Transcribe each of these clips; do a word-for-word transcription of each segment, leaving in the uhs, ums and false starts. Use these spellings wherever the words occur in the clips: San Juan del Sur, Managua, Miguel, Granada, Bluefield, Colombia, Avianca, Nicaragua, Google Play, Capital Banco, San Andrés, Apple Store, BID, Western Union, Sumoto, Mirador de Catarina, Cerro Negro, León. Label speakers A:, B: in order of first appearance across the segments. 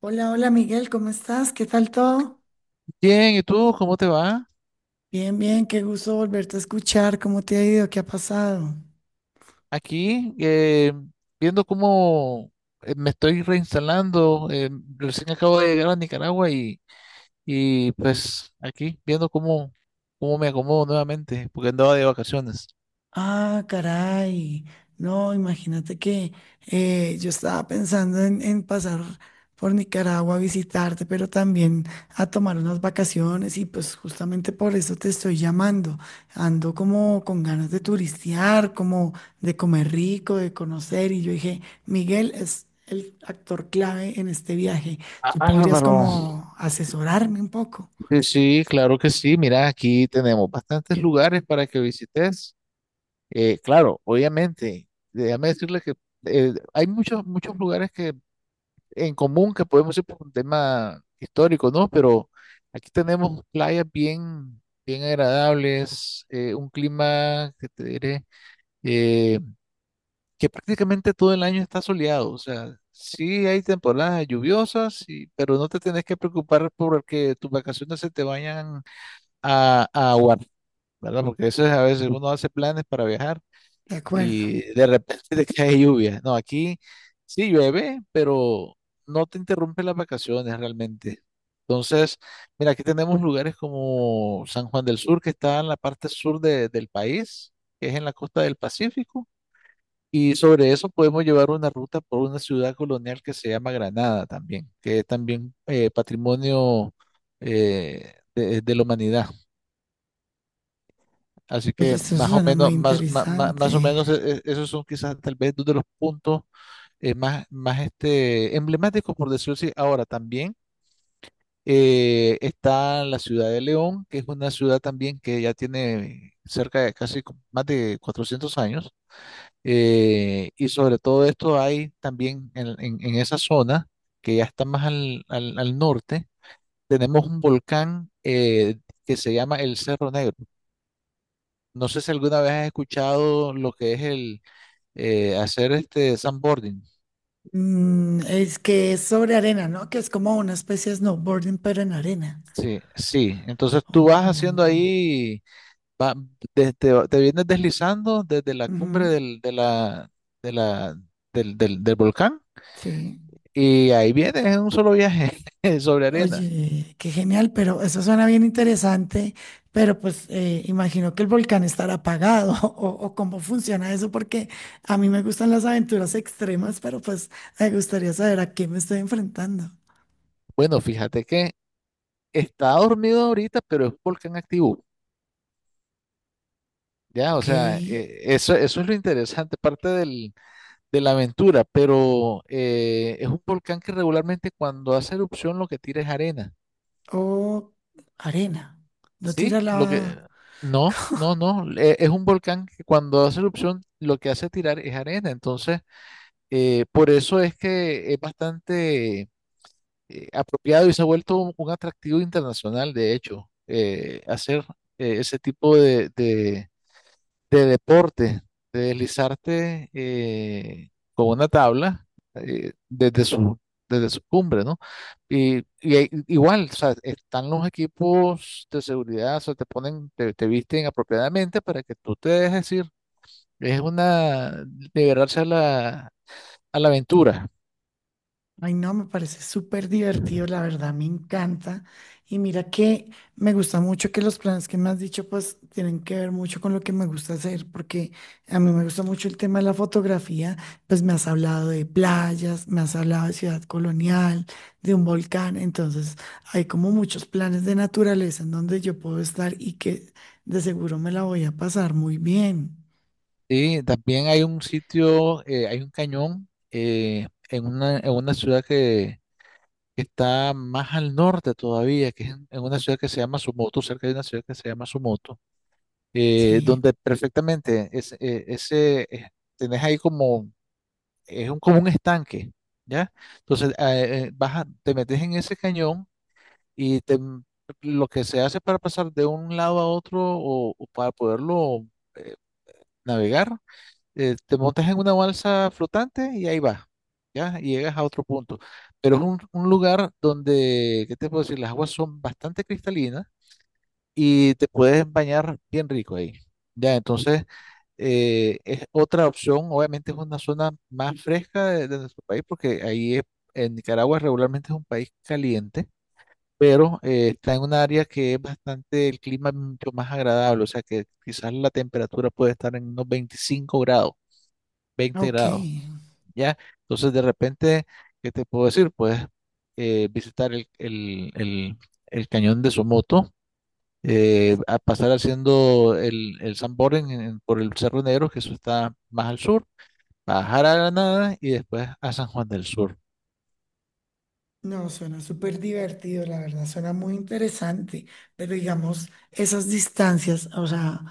A: Hola, hola Miguel, ¿cómo estás? ¿Qué tal todo?
B: Bien, ¿y tú cómo te va?
A: Bien, bien, qué gusto volverte a escuchar. ¿Cómo te ha ido? ¿Qué ha pasado?
B: Aquí, eh, viendo cómo eh, me estoy reinstalando, eh, recién acabo de llegar a Nicaragua y, y pues aquí, viendo cómo, cómo me acomodo nuevamente, porque andaba de vacaciones.
A: Ah, caray. No, imagínate que eh, yo estaba pensando en, en pasar por Nicaragua a visitarte, pero también a tomar unas vacaciones y pues justamente por eso te estoy llamando. Ando como con ganas de turistear, como de comer rico, de conocer y yo dije, Miguel es el actor clave en este viaje.
B: Ah,
A: Tú podrías
B: bárbaro.
A: como asesorarme un poco.
B: Sí, sí, claro que sí. Mira, aquí tenemos bastantes lugares para que visites. Eh, claro, obviamente, déjame decirle que eh, hay muchos, muchos lugares que en común que podemos ir por un tema histórico, ¿no? Pero aquí tenemos playas bien, bien agradables, eh, un clima que te diré, eh, que prácticamente todo el año está soleado, o sea, sí hay temporadas lluviosas, y- pero no te tenés que preocupar por que tus vacaciones se te vayan a, a aguar, ¿verdad? Porque eso es a veces uno hace planes para viajar
A: De acuerdo.
B: y de repente te cae lluvia. No, aquí sí llueve, pero no te interrumpe las vacaciones realmente. Entonces, mira, aquí tenemos lugares como San Juan del Sur, que está en la parte sur de- del país, que es en la costa del Pacífico, y sobre eso podemos llevar una ruta por una ciudad colonial que se llama Granada también, que es también eh, patrimonio eh, de, de la humanidad. Así
A: Oye,
B: que
A: eso
B: más o
A: suena muy
B: menos, más, más, más
A: interesante.
B: más o menos, eh, eh, esos son quizás tal vez dos de los puntos eh, más, más este, emblemático, por decirlo así. Ahora también eh, está la ciudad de León, que es una ciudad también que ya tiene cerca de casi co- más de cuatrocientos años. eh, y sobre todo esto hay también en, en- en esa zona, que ya está más al, al- al norte, tenemos un volcán eh, que se llama el Cerro Negro. No sé si alguna vez has escuchado lo que es el eh, hacer este sandboarding.
A: Mm, es que es sobre arena, ¿no? Que es como una especie de snowboarding, pero en arena.
B: Sí, sí. Entonces tú vas haciendo
A: Oh,
B: ahí, va- de- te, te vienes deslizando desde la cumbre
A: ujú,
B: del, de la, de la, del, del, del volcán
A: sí.
B: y ahí vienes en un solo viaje sobre arena.
A: Oye, qué genial, pero eso suena bien interesante, pero pues eh, imagino que el volcán estará apagado o, o cómo funciona eso, porque a mí me gustan las aventuras extremas, pero pues me gustaría saber a qué me estoy enfrentando.
B: Bueno, fíjate que está dormido ahorita, pero es volcán activo. Ya, o
A: Ok.
B: sea, eh, eso, eso es lo interesante, parte del, de la aventura, pero eh, es un volcán que regularmente cuando hace erupción lo que tira es arena.
A: O arena. No tira
B: Sí, lo que...
A: la...
B: No, no, no. e- Es un volcán que cuando hace erupción lo que hace tirar es arena. Entonces, eh, por eso es que es bastante eh, apropiado y se ha vuelto un, un atractivo internacional, de hecho, eh, hacer eh, ese tipo de, de- de deporte, de deslizarte eh, con una tabla eh, desde su, desde su cumbre, ¿no? Y, y hay- igual, o sea, están los equipos de seguridad, o sea, te ponen, te, te visten apropiadamente para que tú te dejes ir. Es una, liberarse a la, a la aventura.
A: Ay, no, me parece súper divertido, la verdad, me encanta. Y mira que me gusta mucho que los planes que me has dicho, pues, tienen que ver mucho con lo que me gusta hacer, porque a mí me gusta mucho el tema de la fotografía, pues me has hablado de playas, me has hablado de ciudad colonial, de un volcán, entonces hay como muchos planes de naturaleza en donde yo puedo estar y que de seguro me la voy a pasar muy bien.
B: Y también hay un sitio, eh, hay un cañón eh, en una, en una ciudad que que está más al norte todavía, que es en en una ciudad que se llama Sumoto, cerca de una ciudad que se llama Sumoto, eh,
A: Sí,
B: donde perfectamente es, eh, ese, eh, tenés ahí como, es un, como un estanque, ¿ya? Entonces, eh, eh, vas a- te metes en ese cañón y te, lo que se hace para pasar de un lado a otro o, o para poderlo eh, navegar eh, te montas en una balsa flotante y ahí vas, ¿ya? Y llegas a otro punto. Pero es un, un lugar donde, ¿qué te puedo decir? Las aguas son bastante cristalinas y te puedes bañar bien rico ahí, ¿ya? Entonces, eh, es otra opción. Obviamente es una zona más fresca de, de nuestro país porque ahí es- en Nicaragua regularmente es un país caliente. Pero eh, está en un área que es bastante, el clima es mucho más agradable, o sea que quizás la temperatura puede estar en unos veinticinco grados. Veinte
A: ok.
B: grados, ¿ya? Entonces, de repente, ¿qué te puedo decir? Puedes eh, visitar el, el- el- el cañón de Somoto, eh, a pasar haciendo el, el sandboarding en- por el Cerro Negro, que eso está más al sur, bajar a Granada y después a San Juan del Sur.
A: No, suena súper divertido, la verdad, suena muy interesante, pero digamos, esas distancias, o sea,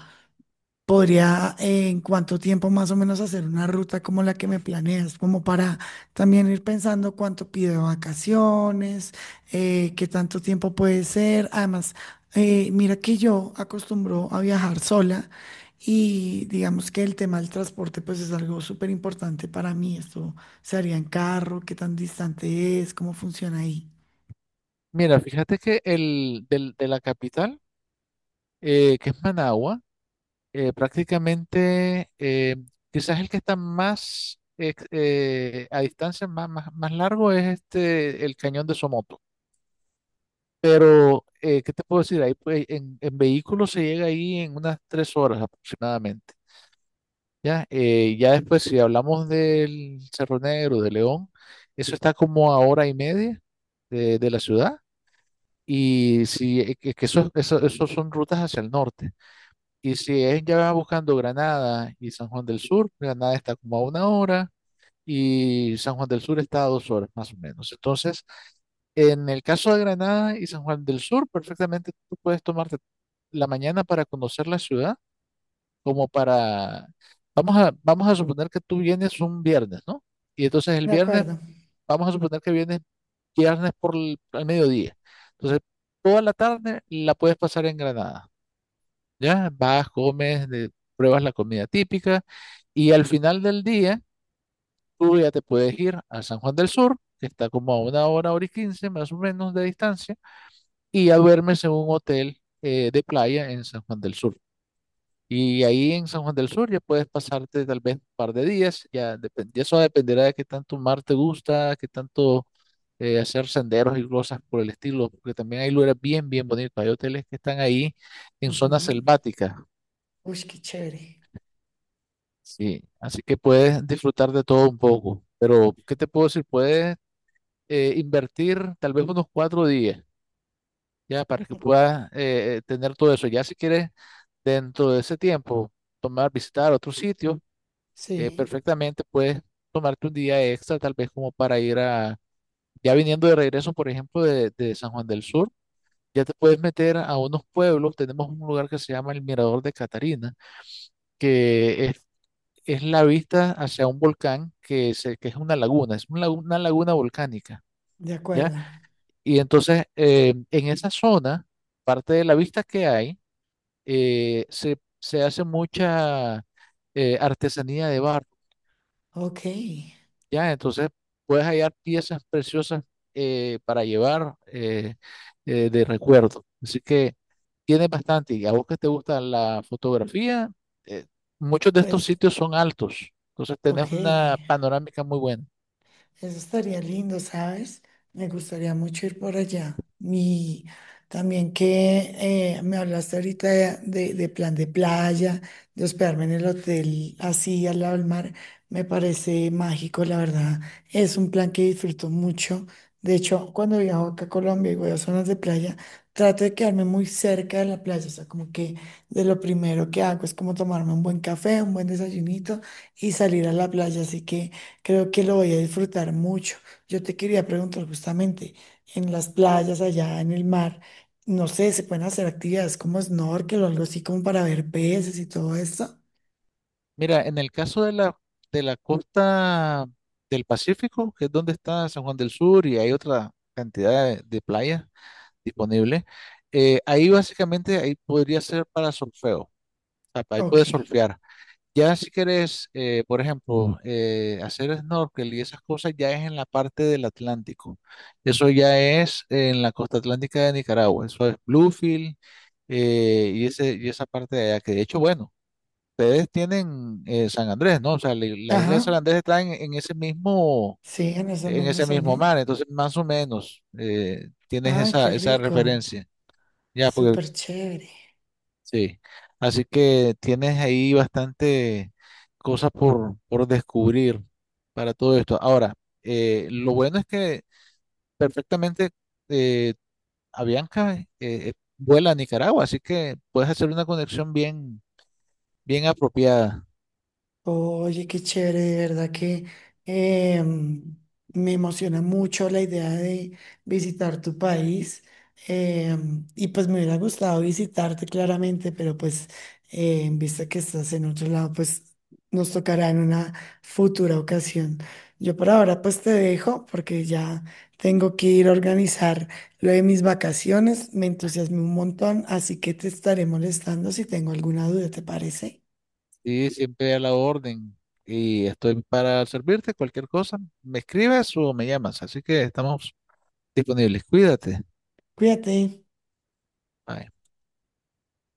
A: podría eh, en cuánto tiempo más o menos hacer una ruta como la que me planeas, como para también ir pensando cuánto pido de vacaciones, eh, qué tanto tiempo puede ser. Además, eh, mira que yo acostumbro a viajar sola y digamos que el tema del transporte pues es algo súper importante para mí. Esto se haría en carro, qué tan distante es, cómo funciona ahí.
B: Mira, fíjate que el, del- de la capital, eh, que es Managua, eh, prácticamente, eh, quizás el que está más ex- eh, a distancia, más, más, más largo, es este, el cañón de Somoto. Pero, eh, ¿qué te puedo decir? Ahí, pues, en, en vehículo se llega ahí en unas tres horas aproximadamente. Ya, eh, ya después, si hablamos del Cerro Negro, de León, eso está como a hora y media de, de la ciudad. Y si, eh, que que eso, eso, eso son rutas hacia el norte. Y si es ya buscando Granada y San Juan del Sur, Granada está como a una hora y San Juan del Sur está a dos horas más o menos. Entonces, en el caso de Granada y San Juan del Sur, perfectamente tú puedes tomarte la mañana para conocer la ciudad, como para, vamos a, vamos a suponer que tú vienes un viernes, ¿no? Y entonces el
A: De
B: viernes,
A: acuerdo.
B: vamos a suponer que vienes viernes por el, al mediodía. Entonces, toda la tarde la puedes pasar en Granada. Ya vas, comes, de- pruebas la comida típica y al final del día tú ya te puedes ir a San Juan del Sur, que está como a una hora, hora y quince más o menos de distancia, y ya duermes en un hotel eh, de playa en San Juan del Sur. Y ahí en San Juan del Sur ya puedes pasarte tal vez un par de días, ya depen- ya eso dependerá de qué tanto mar te gusta, qué tanto eh, hacer senderos y cosas por el estilo, porque también hay lugares bien, bien bonitos, hay hoteles que están ahí en zonas
A: Ujú.
B: selváticas.
A: Uy, qué chévere.
B: Sí, así que puedes disfrutar de todo un poco, pero ¿qué te puedo decir? Puedes eh, invertir tal vez unos cuatro días, ya para que puedas eh, eh, tener todo eso. Ya si quieres, dentro de ese tiempo, tomar, visitar otro sitio, eh,
A: Sí,
B: perfectamente puedes tomarte un día extra, tal vez como para ir a, ya viniendo de regreso, por ejemplo, de, de San Juan del Sur, ya te puedes meter a unos pueblos. Tenemos un lugar que se llama el Mirador de Catarina, que es es la vista hacia un volcán que, se, que es una laguna, es una, lagu- una laguna volcánica,
A: de
B: ¿ya?
A: acuerdo.
B: Y entonces eh, en esa zona, parte de la vista que hay, eh, se, se hace mucha eh, artesanía de barro,
A: Ok,
B: ¿ya? Entonces puedes hallar piezas preciosas eh, para llevar eh, eh, de recuerdo. Así que tiene bastante. Y a vos que te gusta la fotografía, eh, muchos de estos
A: pues,
B: sitios son altos. Entonces tenés
A: ok.
B: una panorámica muy buena.
A: Eso estaría lindo, ¿sabes? Me gustaría mucho ir por allá. Y también que eh, me hablaste ahorita de, de- de plan de playa, de hospedarme en el hotel así al lado del mar, me parece mágico, la verdad. Es un plan que disfruto mucho. De hecho, cuando viajo acá a Colombia y voy a zonas de playa, trato de quedarme muy cerca de la playa. O sea, como que de lo primero que hago es como tomarme un buen café, un buen desayunito y salir a la playa. Así que... Creo que lo voy a disfrutar mucho. Yo te quería preguntar justamente, en las playas allá en el mar, no sé, ¿se pueden hacer actividades como snorkel o algo así como para ver peces y todo eso?
B: Mira, en el caso de la, de la costa del Pacífico, que es donde está San Juan del Sur y hay otra cantidad de, de playas disponibles, eh, ahí básicamente ahí podría ser para surfeo, o sea, ahí puedes
A: Ok.
B: surfear. Ya si quieres, eh, por ejemplo, eh, hacer snorkel y esas cosas, ya es en la parte del Atlántico. Eso ya es en la costa atlántica de Nicaragua, eso es Bluefield eh, y, ese, y esa parte de allá, que de hecho, bueno ustedes tienen eh, San Andrés, ¿no? O sea, la, la isla de San
A: Ajá.
B: Andrés está en, en ese mismo,
A: Sí, en esa
B: en
A: misma
B: ese
A: zona.
B: mismo mar, entonces más o menos eh, tienes
A: Ay,
B: esa,
A: qué
B: esa
A: rico.
B: referencia, ya, porque
A: Súper chévere.
B: sí, así que tienes ahí bastante cosas por, por descubrir para todo esto. Ahora, eh, lo bueno es que perfectamente eh, Avianca eh, eh, vuela a Nicaragua, así que puedes hacer una conexión bien, bien apropiada.
A: Oye, qué chévere, de verdad que em, me emociona mucho la idea de visitar tu país. Em, y pues me hubiera gustado visitarte claramente, pero pues eh, en vista que estás en otro lado, pues nos tocará en una futura ocasión. Yo por ahora pues te dejo porque ya tengo que ir a organizar lo de mis vacaciones. Me entusiasmé un montón, así que te estaré molestando si tengo alguna duda, ¿te parece?
B: Y siempre a la orden. Y estoy para servirte cualquier cosa. Me escribes o me llamas. Así que estamos disponibles. Cuídate.
A: Cuídate.
B: Bye.